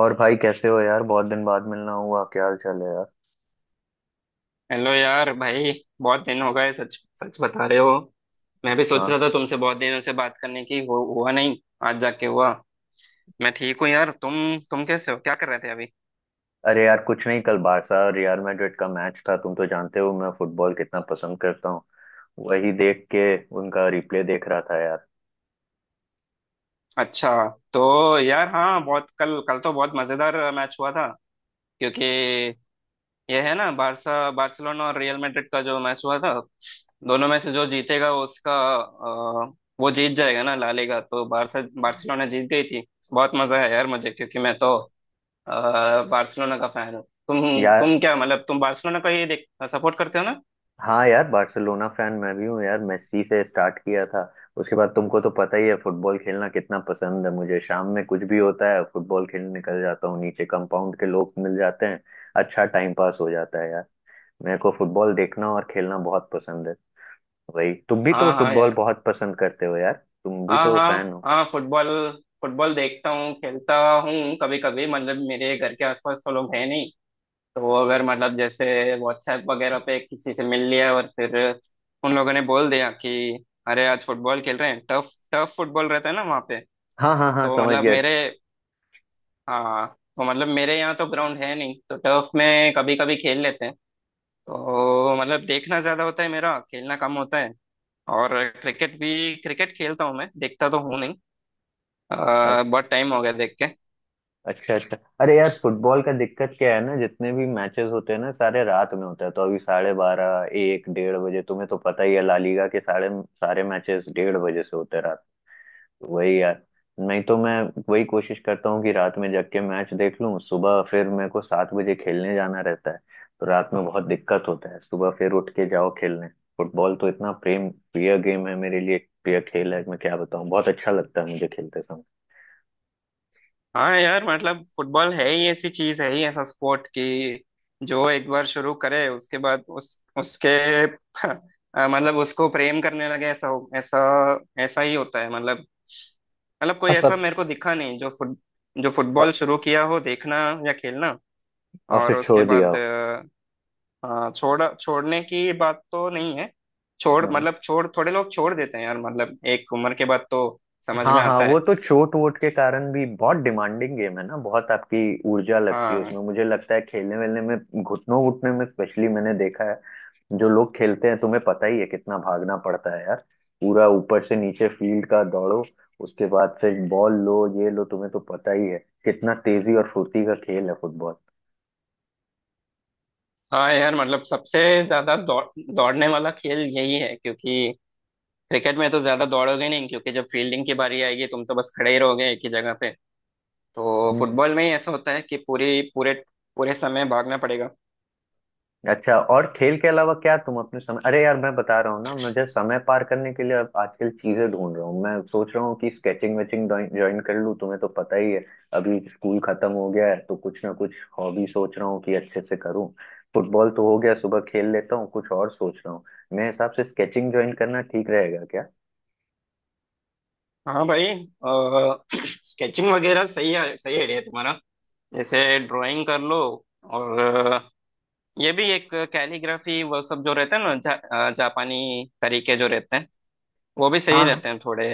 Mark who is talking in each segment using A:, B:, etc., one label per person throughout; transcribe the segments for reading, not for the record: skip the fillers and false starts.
A: और भाई कैसे हो यार? बहुत दिन बाद मिलना हुआ, क्या हाल चाल है यार?
B: हेलो यार भाई। बहुत दिन हो गए, सच सच बता रहे हो। मैं भी सोच रहा
A: हाँ।
B: था तुमसे बहुत दिनों से बात करने की, हुआ नहीं। आज जाके हुआ। मैं ठीक हूँ यार, तुम कैसे हो, क्या कर रहे थे अभी?
A: अरे यार कुछ नहीं, कल बारसा और रियल मैड्रिड का मैच था, तुम तो जानते हो मैं फुटबॉल कितना पसंद करता हूँ। वही देख के, उनका रिप्ले देख रहा था यार।
B: अच्छा। तो यार हाँ, बहुत कल कल तो बहुत मजेदार मैच हुआ था, क्योंकि यह है ना बारसा, बार्सिलोना और रियल मैड्रिड का जो मैच हुआ था, दोनों में से जो जीतेगा उसका, वो जीत जाएगा ना ला लीगा। तो बारसा बार्सिलोना जीत गई थी। बहुत मजा है यार मुझे, क्योंकि मैं तो अ, बार्सिलोना का फैन हो। तुम।
A: यार,
B: तुम क्या मतलब तुम बार्सिलोना का ये देख सपोर्ट करते हो ना?
A: हाँ यार, बार्सिलोना फैन मैं भी हूँ यार, मेस्सी से स्टार्ट किया था। उसके बाद तुमको तो पता ही है फुटबॉल खेलना कितना पसंद है मुझे। शाम में कुछ भी होता है फुटबॉल खेलने निकल जाता हूँ, नीचे कंपाउंड के लोग मिल जाते हैं। अच्छा टाइम पास हो जाता है यार। मेरे को फुटबॉल देखना और खेलना बहुत पसंद है। वही, तुम भी तो
B: हाँ हाँ
A: फुटबॉल
B: यार।
A: बहुत पसंद करते हो यार, तुम भी
B: हाँ
A: तो फैन
B: हाँ।
A: हो।
B: हाँ, फुटबॉल फुटबॉल देखता हूँ, खेलता हूँ। कभी कभी मतलब मेरे घर के आसपास तो लोग है नहीं, तो अगर मतलब जैसे व्हाट्सएप वगैरह पे किसी से मिल लिया और फिर उन लोगों ने बोल दिया कि अरे आज फुटबॉल खेल रहे हैं, टफ टफ फुटबॉल रहता है ना वहाँ पे।
A: हाँ हाँ हाँ,
B: तो
A: समझ
B: मतलब
A: गया।
B: मेरे हाँ, तो मतलब मेरे यहाँ तो ग्राउंड है नहीं, तो टर्फ में कभी कभी खेल लेते हैं। तो मतलब देखना ज्यादा होता है, मेरा खेलना कम होता है। और क्रिकेट खेलता हूँ, मैं देखता तो हूँ नहीं,
A: अ-
B: बहुत टाइम हो गया देख के।
A: अच्छा अच्छा। अरे यार फुटबॉल का दिक्कत क्या है ना, जितने भी मैचेस होते हैं ना सारे रात में होते हैं, तो अभी 12:30, 1, 1:30 बजे, तुम्हें तो पता ही है ला लीगा के सारे सारे मैचेस 1:30 बजे से होते हैं। वही यार। नहीं तो मैं वही कोशिश करता हूँ कि रात में जग के मैच देख लूँ, सुबह फिर मेरे को 7 बजे खेलने जाना रहता है। तो रात में बहुत दिक्कत होता है, सुबह फिर उठ के जाओ खेलने। फुटबॉल तो इतना प्रेम प्रिय गेम है मेरे लिए, प्रिय खेल है, मैं क्या बताऊँ, बहुत अच्छा लगता है मुझे खेलते समय।
B: हाँ यार, मतलब फुटबॉल है ही ऐसी चीज, है ही ऐसा स्पोर्ट कि जो एक बार शुरू करे उसके बाद उस उसके मतलब उसको प्रेम करने लगे, ऐसा हो, ऐसा। ऐसा ही होता है मतलब कोई
A: और
B: ऐसा
A: सब,
B: मेरे को दिखा नहीं जो फुटबॉल
A: और
B: शुरू किया हो देखना या खेलना,
A: और
B: और
A: फिर
B: उसके
A: छोड़ दिया?
B: बाद। हाँ, छोड़ने की बात तो नहीं है, छोड़
A: हो,
B: मतलब छोड़ थोड़े लोग छोड़ देते हैं यार, मतलब एक उम्र के बाद तो समझ में
A: हाँ हाँ,
B: आता
A: वो
B: है।
A: तो चोट वोट के कारण भी बहुत डिमांडिंग गेम है ना, बहुत आपकी ऊर्जा लगती है उसमें।
B: हाँ
A: मुझे लगता है खेलने वेलने में, घुटनों घुटने में स्पेशली मैंने देखा है, जो लोग खेलते हैं तुम्हें पता ही है कितना भागना पड़ता है यार। पूरा ऊपर से नीचे फील्ड का दौड़ो, उसके बाद से बॉल लो ये लो, तुम्हें तो पता ही है कितना तेजी और फुर्ती का खेल है फुटबॉल।
B: हाँ यार, मतलब सबसे ज्यादा दौड़ने वाला खेल यही है, क्योंकि क्रिकेट में तो ज्यादा दौड़ोगे नहीं, क्योंकि जब फील्डिंग की बारी आएगी तुम तो बस खड़े ही रहोगे एक ही जगह पे। तो फुटबॉल में ही ऐसा होता है कि पूरी पूरे पूरे समय भागना पड़ेगा।
A: अच्छा, और खेल के अलावा क्या तुम अपने समय— अरे यार मैं बता रहा हूँ ना, मुझे समय पार करने के लिए अब आजकल चीजें ढूंढ रहा हूँ, मैं सोच रहा हूँ कि स्केचिंग वेचिंग ज्वाइन कर लूँ, तुम्हें तो पता ही है अभी स्कूल खत्म हो गया है। तो कुछ ना कुछ हॉबी सोच रहा हूँ कि अच्छे से करूँ। फुटबॉल तो हो गया, सुबह खेल लेता हूँ, कुछ और सोच रहा हूँ। मेरे हिसाब से स्केचिंग ज्वाइन करना ठीक रहेगा क्या?
B: हाँ भाई, स्केचिंग वगैरह सही है, सही आइडिया है तुम्हारा। जैसे ड्राइंग कर लो, और ये भी एक कैलीग्राफी वो सब जो रहते हैं ना, जापानी तरीके जो रहते हैं, वो भी सही
A: हाँ
B: रहते हैं थोड़े।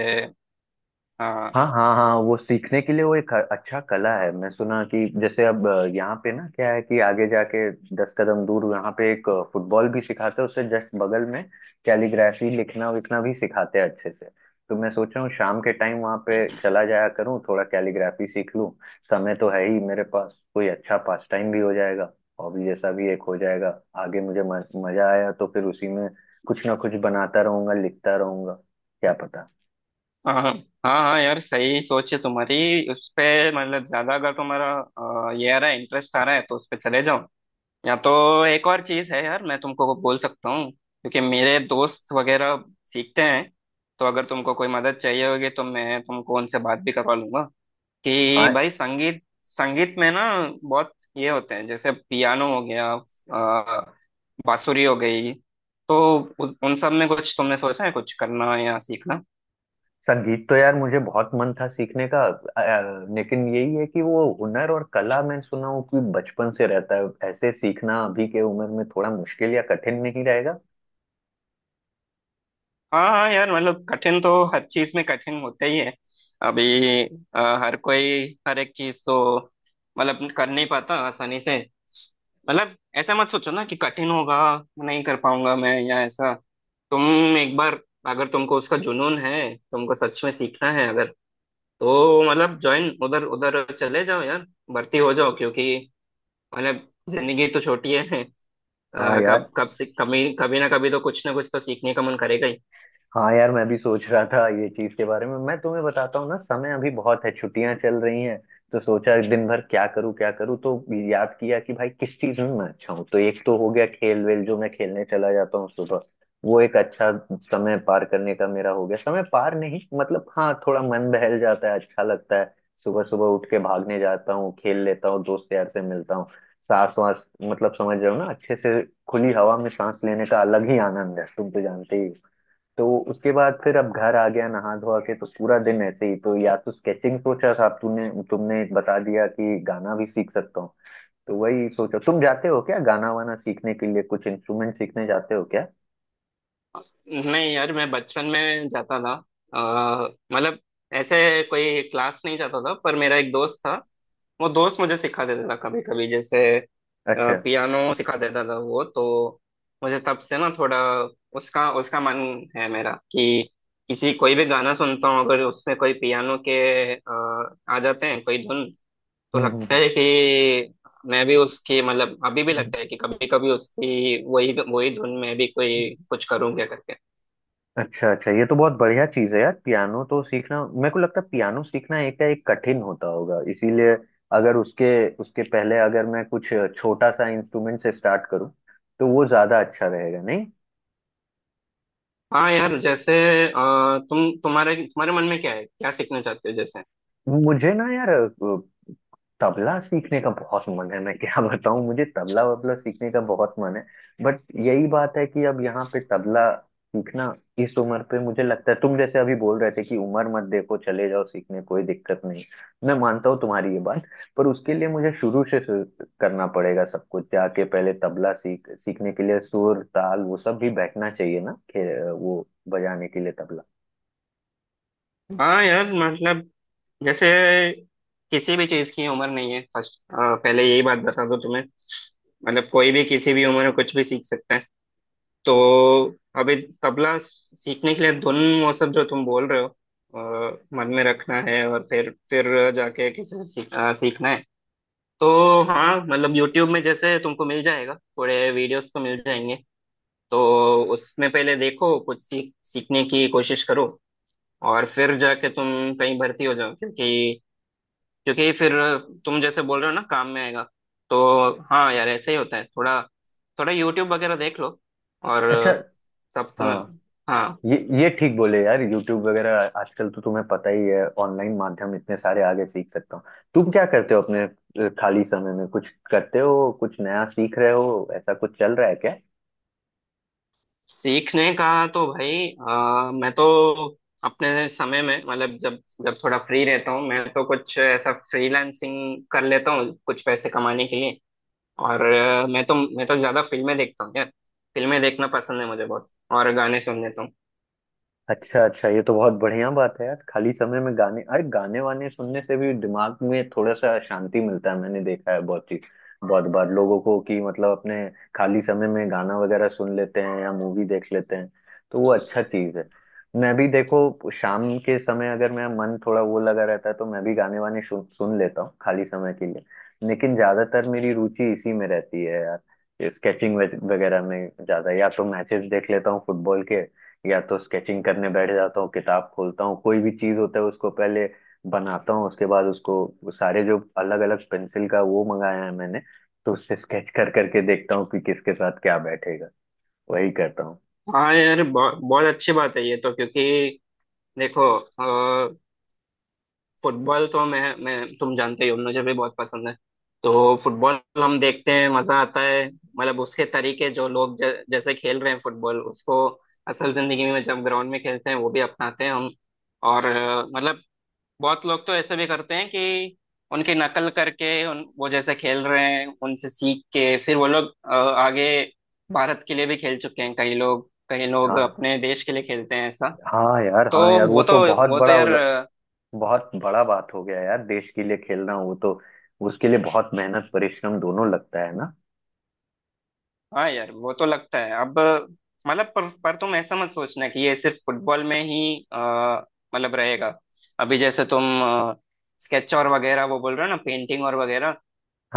B: हाँ
A: हाँ हाँ हाँ, वो सीखने के लिए वो एक अच्छा कला है। मैं सुना कि जैसे अब यहाँ पे ना क्या है कि आगे जाके 10 कदम दूर यहाँ पे एक फुटबॉल भी सिखाते हैं उससे जस्ट बगल में, कैलीग्राफी लिखना विखना भी सिखाते हैं अच्छे से। तो मैं सोच रहा हूँ शाम के टाइम वहाँ पे चला जाया करूँ, थोड़ा कैलीग्राफी सीख लूँ। समय तो है ही मेरे पास, कोई अच्छा पास टाइम भी हो जाएगा, हॉबी जैसा भी एक हो जाएगा। आगे मुझे मजा आया तो फिर उसी में कुछ ना कुछ बनाता रहूंगा लिखता रहूंगा, क्या पता।
B: हाँ हाँ। हाँ यार, सही सोच है तुम्हारी उस पे, मतलब ज्यादा अगर तुम्हारा ये आ रहा है, इंटरेस्ट आ रहा है तो उस पे चले जाओ। या तो एक और चीज है यार, मैं तुमको बोल सकता हूँ, क्योंकि मेरे दोस्त वगैरह सीखते हैं, तो अगर तुमको कोई मदद चाहिए होगी तो मैं तुमको उनसे बात भी करवा लूंगा, कि
A: हाँ।
B: भाई संगीत, संगीत में ना बहुत ये होते हैं, जैसे पियानो हो गया, बांसुरी हो गई। तो उन सब में कुछ तुमने सोचा है, कुछ करना या सीखना?
A: संगीत तो यार मुझे बहुत मन था सीखने का, लेकिन यही है कि वो हुनर और कला, मैं सुना हूँ कि बचपन से रहता है, ऐसे सीखना अभी के उम्र में थोड़ा मुश्किल या कठिन नहीं रहेगा?
B: हाँ हाँ यार, मतलब कठिन तो हर चीज में कठिन होते ही है। अभी हर कोई हर एक चीज तो मतलब कर नहीं पाता आसानी से, मतलब ऐसा मत सोचो ना कि कठिन होगा, नहीं कर पाऊंगा मैं या ऐसा। तुम एक बार, अगर तुमको उसका जुनून है, तुमको सच में सीखना है अगर, तो मतलब ज्वाइन, उधर उधर चले जाओ यार, भर्ती हो जाओ, क्योंकि मतलब जिंदगी तो छोटी है,
A: हाँ यार,
B: कब कब से कभी कभी ना कभी तो कुछ ना कुछ तो सीखने का मन करेगा ही।
A: हाँ यार, मैं भी सोच रहा था ये चीज के बारे में, मैं तुम्हें बताता हूँ ना, समय अभी बहुत है, छुट्टियां चल रही हैं, तो सोचा दिन भर क्या करूँ क्या करूँ, तो याद किया कि भाई किस चीज में मैं अच्छा हूँ। तो एक तो हो गया खेल वेल जो मैं खेलने चला जाता हूँ सुबह, वो एक अच्छा समय पार करने का मेरा हो गया, समय पार नहीं मतलब, हाँ थोड़ा मन बहल जाता है, अच्छा लगता है। सुबह सुबह उठ के भागने जाता हूँ, खेल लेता हूँ, दोस्त यार से मिलता हूँ, सांस वास मतलब समझ रहे हो ना अच्छे से, खुली हवा में सांस लेने का अलग ही आनंद है, तुम तो जानते ही हो। तो उसके बाद फिर अब घर आ गया, नहा धोआ के तो पूरा दिन ऐसे ही, तो या तो स्केचिंग सोचा था, तूने तुमने बता दिया कि गाना भी सीख सकता हूँ, तो वही सोचा, तुम जाते हो क्या गाना वाना सीखने के लिए, कुछ इंस्ट्रूमेंट सीखने जाते हो क्या?
B: नहीं यार, मैं बचपन में जाता था, मतलब ऐसे कोई क्लास नहीं जाता था, पर मेरा एक दोस्त था, वो दोस्त मुझे सिखा देता था कभी कभी, जैसे
A: अच्छा।
B: पियानो सिखा देता था वो तो। मुझे तब से ना थोड़ा उसका उसका मन है मेरा, कि किसी, कोई भी गाना सुनता हूँ अगर उसमें कोई पियानो के आ जाते हैं कोई धुन, तो
A: हम्म
B: लगता
A: हम्म,
B: है कि मैं भी उसकी, मतलब अभी भी
A: हम्म।
B: लगता है कि कभी कभी उसकी वही वही धुन में भी कोई कुछ करूँ, क्या करके।
A: अच्छा अच्छा, ये तो बहुत बढ़िया चीज है यार, पियानो तो सीखना, मेरे को लगता है पियानो सीखना एक एक कठिन होता होगा, इसीलिए अगर उसके उसके पहले अगर मैं कुछ छोटा सा इंस्ट्रूमेंट से स्टार्ट करूँ तो वो ज्यादा अच्छा रहेगा नहीं?
B: हाँ यार, जैसे तुम तुम्हारे तुम्हारे मन में क्या है, क्या सीखना चाहते हो जैसे?
A: मुझे ना यार, तबला सीखने का बहुत मन है, मैं क्या बताऊं, मुझे तबला वबला सीखने का बहुत मन है। बट यही बात है कि अब यहाँ पे तबला सीखना इस उम्र पे, मुझे लगता है तुम जैसे अभी बोल रहे थे कि उम्र मत देखो चले जाओ सीखने, कोई दिक्कत नहीं, मैं मानता हूँ तुम्हारी ये बात। पर उसके लिए मुझे शुरू से शुरू करना पड़ेगा सब कुछ, जाके पहले तबला सीख सीखने के लिए सुर ताल वो सब भी बैठना चाहिए ना, वो बजाने के लिए तबला।
B: हाँ यार, मतलब जैसे किसी भी चीज की उम्र नहीं है फर्स्ट, पहले यही बात बता दो तुम्हें, मतलब कोई भी किसी भी उम्र में कुछ भी सीख सकता है। तो अभी तबला सीखने के लिए धुन वो सब जो तुम बोल रहे हो, मन में रखना है, और फिर जाके किसी से सीखना है। तो हाँ, मतलब यूट्यूब में जैसे तुमको मिल जाएगा, थोड़े वीडियोस तो मिल जाएंगे। तो उसमें पहले देखो कुछ सीखने की कोशिश करो, और फिर जाके तुम कहीं भर्ती हो जाओ, क्योंकि क्योंकि फिर तुम जैसे बोल रहे हो ना, काम में आएगा। तो हाँ यार ऐसे ही होता है। थोड़ा थोड़ा यूट्यूब वगैरह देख लो, और
A: अच्छा।
B: तब तुम्हें।
A: हाँ,
B: हाँ।
A: ये ठीक बोले यार, यूट्यूब वगैरह आजकल तो तुम्हें पता ही है, ऑनलाइन माध्यम इतने सारे, आगे सीख सकता हूँ। तुम क्या करते हो अपने खाली समय में, कुछ करते हो, कुछ नया सीख रहे हो, ऐसा कुछ चल रहा है क्या?
B: सीखने का, तो भाई मैं तो अपने समय में, मतलब जब जब थोड़ा फ्री रहता हूँ मैं, तो कुछ ऐसा फ्रीलांसिंग कर लेता हूँ कुछ पैसे कमाने के लिए। और मैं तो ज्यादा फिल्में देखता हूँ यार, फिल्में देखना पसंद है मुझे बहुत, और गाने सुन लेता हूँ।
A: अच्छा अच्छा, ये तो बहुत बढ़िया बात है यार, खाली समय में गाने, अरे गाने वाने सुनने से भी दिमाग में थोड़ा सा शांति मिलता है, मैंने देखा है बहुत ही बहुत बार लोगों को कि मतलब अपने खाली समय में गाना वगैरह सुन लेते हैं या मूवी देख लेते हैं, तो वो अच्छा चीज है। मैं भी देखो शाम के समय अगर मेरा मन थोड़ा वो लगा रहता है तो मैं भी गाने वाने सुन लेता हूँ खाली समय के लिए, लेकिन ज्यादातर मेरी रुचि इसी में रहती है यार, स्केचिंग वगैरह में ज्यादा, या तो मैचेस देख लेता हूँ फुटबॉल के या तो स्केचिंग करने बैठ जाता हूँ, किताब खोलता हूँ, कोई भी चीज होता है उसको पहले बनाता हूँ, उसके बाद उसको सारे जो अलग अलग पेंसिल का वो मंगाया है मैंने, तो उससे स्केच कर करके देखता हूँ कि किसके साथ क्या बैठेगा। वही करता हूँ।
B: हाँ यार, बहुत बहुत अच्छी बात है ये तो, क्योंकि देखो फुटबॉल तो मैं, तुम जानते ही हो मुझे भी बहुत पसंद है। तो फुटबॉल हम देखते हैं, मजा आता है, मतलब उसके तरीके जो लोग जैसे खेल रहे हैं फुटबॉल, उसको असल जिंदगी में जब ग्राउंड में खेलते हैं वो भी अपनाते हैं हम। और मतलब बहुत लोग तो ऐसे भी करते हैं कि उनकी नकल करके, उन वो जैसे खेल रहे हैं उनसे सीख के, फिर वो लोग आगे भारत के लिए भी खेल चुके हैं, कई लोग
A: हाँ।
B: अपने देश के लिए खेलते हैं ऐसा।
A: हाँ यार,
B: तो
A: हाँ यार, वो
B: वो
A: तो
B: तो
A: बहुत
B: वो तो
A: बड़ा
B: यार,
A: बहुत बड़ा बात हो गया यार, देश के लिए खेलना, वो तो उसके लिए बहुत मेहनत परिश्रम दोनों लगता है ना।
B: हाँ यार वो तो लगता है अब, मतलब पर तुम ऐसा मत सोचना कि ये सिर्फ फुटबॉल में ही अ, मतलब रहेगा। अभी जैसे तुम स्केच और वगैरह वो बोल रहे हो ना, पेंटिंग और वगैरह,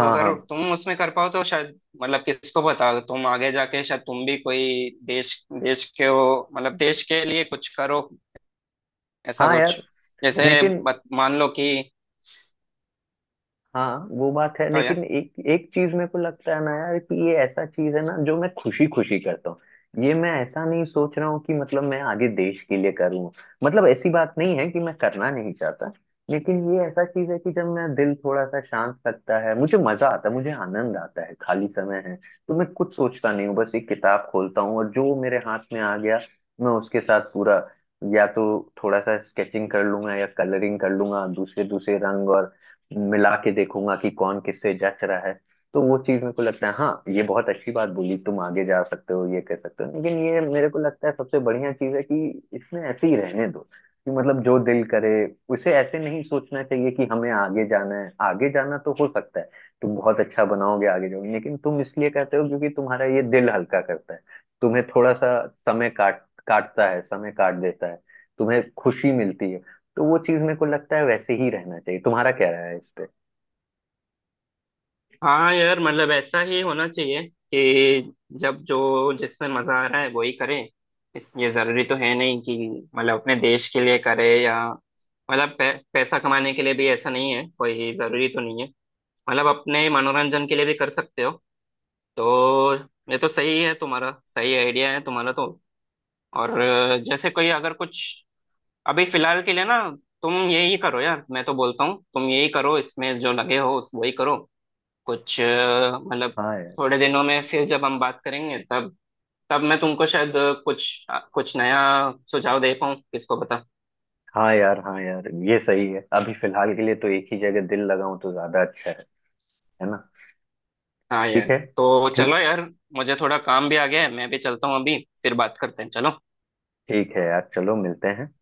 B: तो
A: हाँ
B: अगर तुम उसमें कर पाओ तो शायद, मतलब किसको पता, तुम आगे जाके शायद तुम भी कोई देश देश के हो, मतलब देश के लिए कुछ करो ऐसा
A: हाँ
B: कुछ,
A: यार,
B: जैसे
A: लेकिन,
B: मान लो कि,
A: हाँ वो बात है,
B: बताओ
A: लेकिन
B: यार।
A: एक एक चीज मेरे को लगता है ना यार, कि ये ऐसा चीज है ना जो मैं खुशी खुशी करता हूँ, ये मैं ऐसा नहीं सोच रहा हूँ कि मतलब मैं आगे देश के लिए करूँ, मतलब ऐसी बात नहीं है कि मैं करना नहीं चाहता। लेकिन ये ऐसा चीज है कि जब मेरा दिल थोड़ा सा शांत लगता है, मुझे मजा आता है, मुझे आनंद आता है। खाली समय है तो मैं कुछ सोचता नहीं हूँ, बस एक किताब खोलता हूँ और जो मेरे हाथ में आ गया मैं उसके साथ पूरा, या तो थोड़ा सा स्केचिंग कर लूंगा या कलरिंग कर लूंगा, दूसरे दूसरे रंग और मिला के देखूंगा कि कौन किससे जच रहा है। तो वो चीज मेरे को लगता है, हाँ ये बहुत अच्छी बात बोली, तुम आगे जा सकते हो ये कर सकते हो, लेकिन ये मेरे को लगता है सबसे बढ़िया चीज है कि इसमें ऐसे ही रहने दो, कि मतलब जो दिल करे, उसे ऐसे नहीं सोचना चाहिए कि हमें आगे जाना है। आगे जाना तो हो सकता है, तुम बहुत अच्छा बनाओगे आगे जाओगे, लेकिन तुम इसलिए करते हो क्योंकि तुम्हारा ये दिल हल्का करता है, तुम्हें थोड़ा सा समय काटता है, समय काट देता है, तुम्हें खुशी मिलती है। तो वो चीज मेरे को लगता है वैसे ही रहना चाहिए, तुम्हारा क्या राय है इस पे?
B: हाँ यार, मतलब ऐसा ही होना चाहिए कि जब जो जिसमें मजा आ रहा है वही करे। इस ये जरूरी तो है नहीं कि मतलब अपने देश के लिए करे, या मतलब पैसा कमाने के लिए भी ऐसा नहीं है, कोई जरूरी तो नहीं है। मतलब अपने मनोरंजन के लिए भी कर सकते हो। तो ये तो सही है तुम्हारा, सही आइडिया है तुम्हारा तो। और जैसे कोई अगर कुछ, अभी फिलहाल के लिए ना तुम यही करो यार, मैं तो बोलता हूँ तुम यही करो, इसमें जो लगे हो उस वही करो। कुछ मतलब,
A: हाँ यार,
B: थोड़े दिनों में फिर जब हम बात करेंगे तब, मैं तुमको शायद कुछ कुछ नया सुझाव दे पाऊँ, किसको पता।
A: हाँ यार, हाँ यार, ये सही है, अभी फिलहाल के लिए तो एक ही जगह दिल लगाऊं तो ज्यादा अच्छा है ना।
B: हाँ यार,
A: ठीक है,
B: तो चलो
A: ठीक।
B: यार, मुझे थोड़ा काम भी आ गया है, मैं भी चलता हूँ अभी, फिर बात करते हैं, चलो।
A: ठीक है यार, चलो मिलते हैं।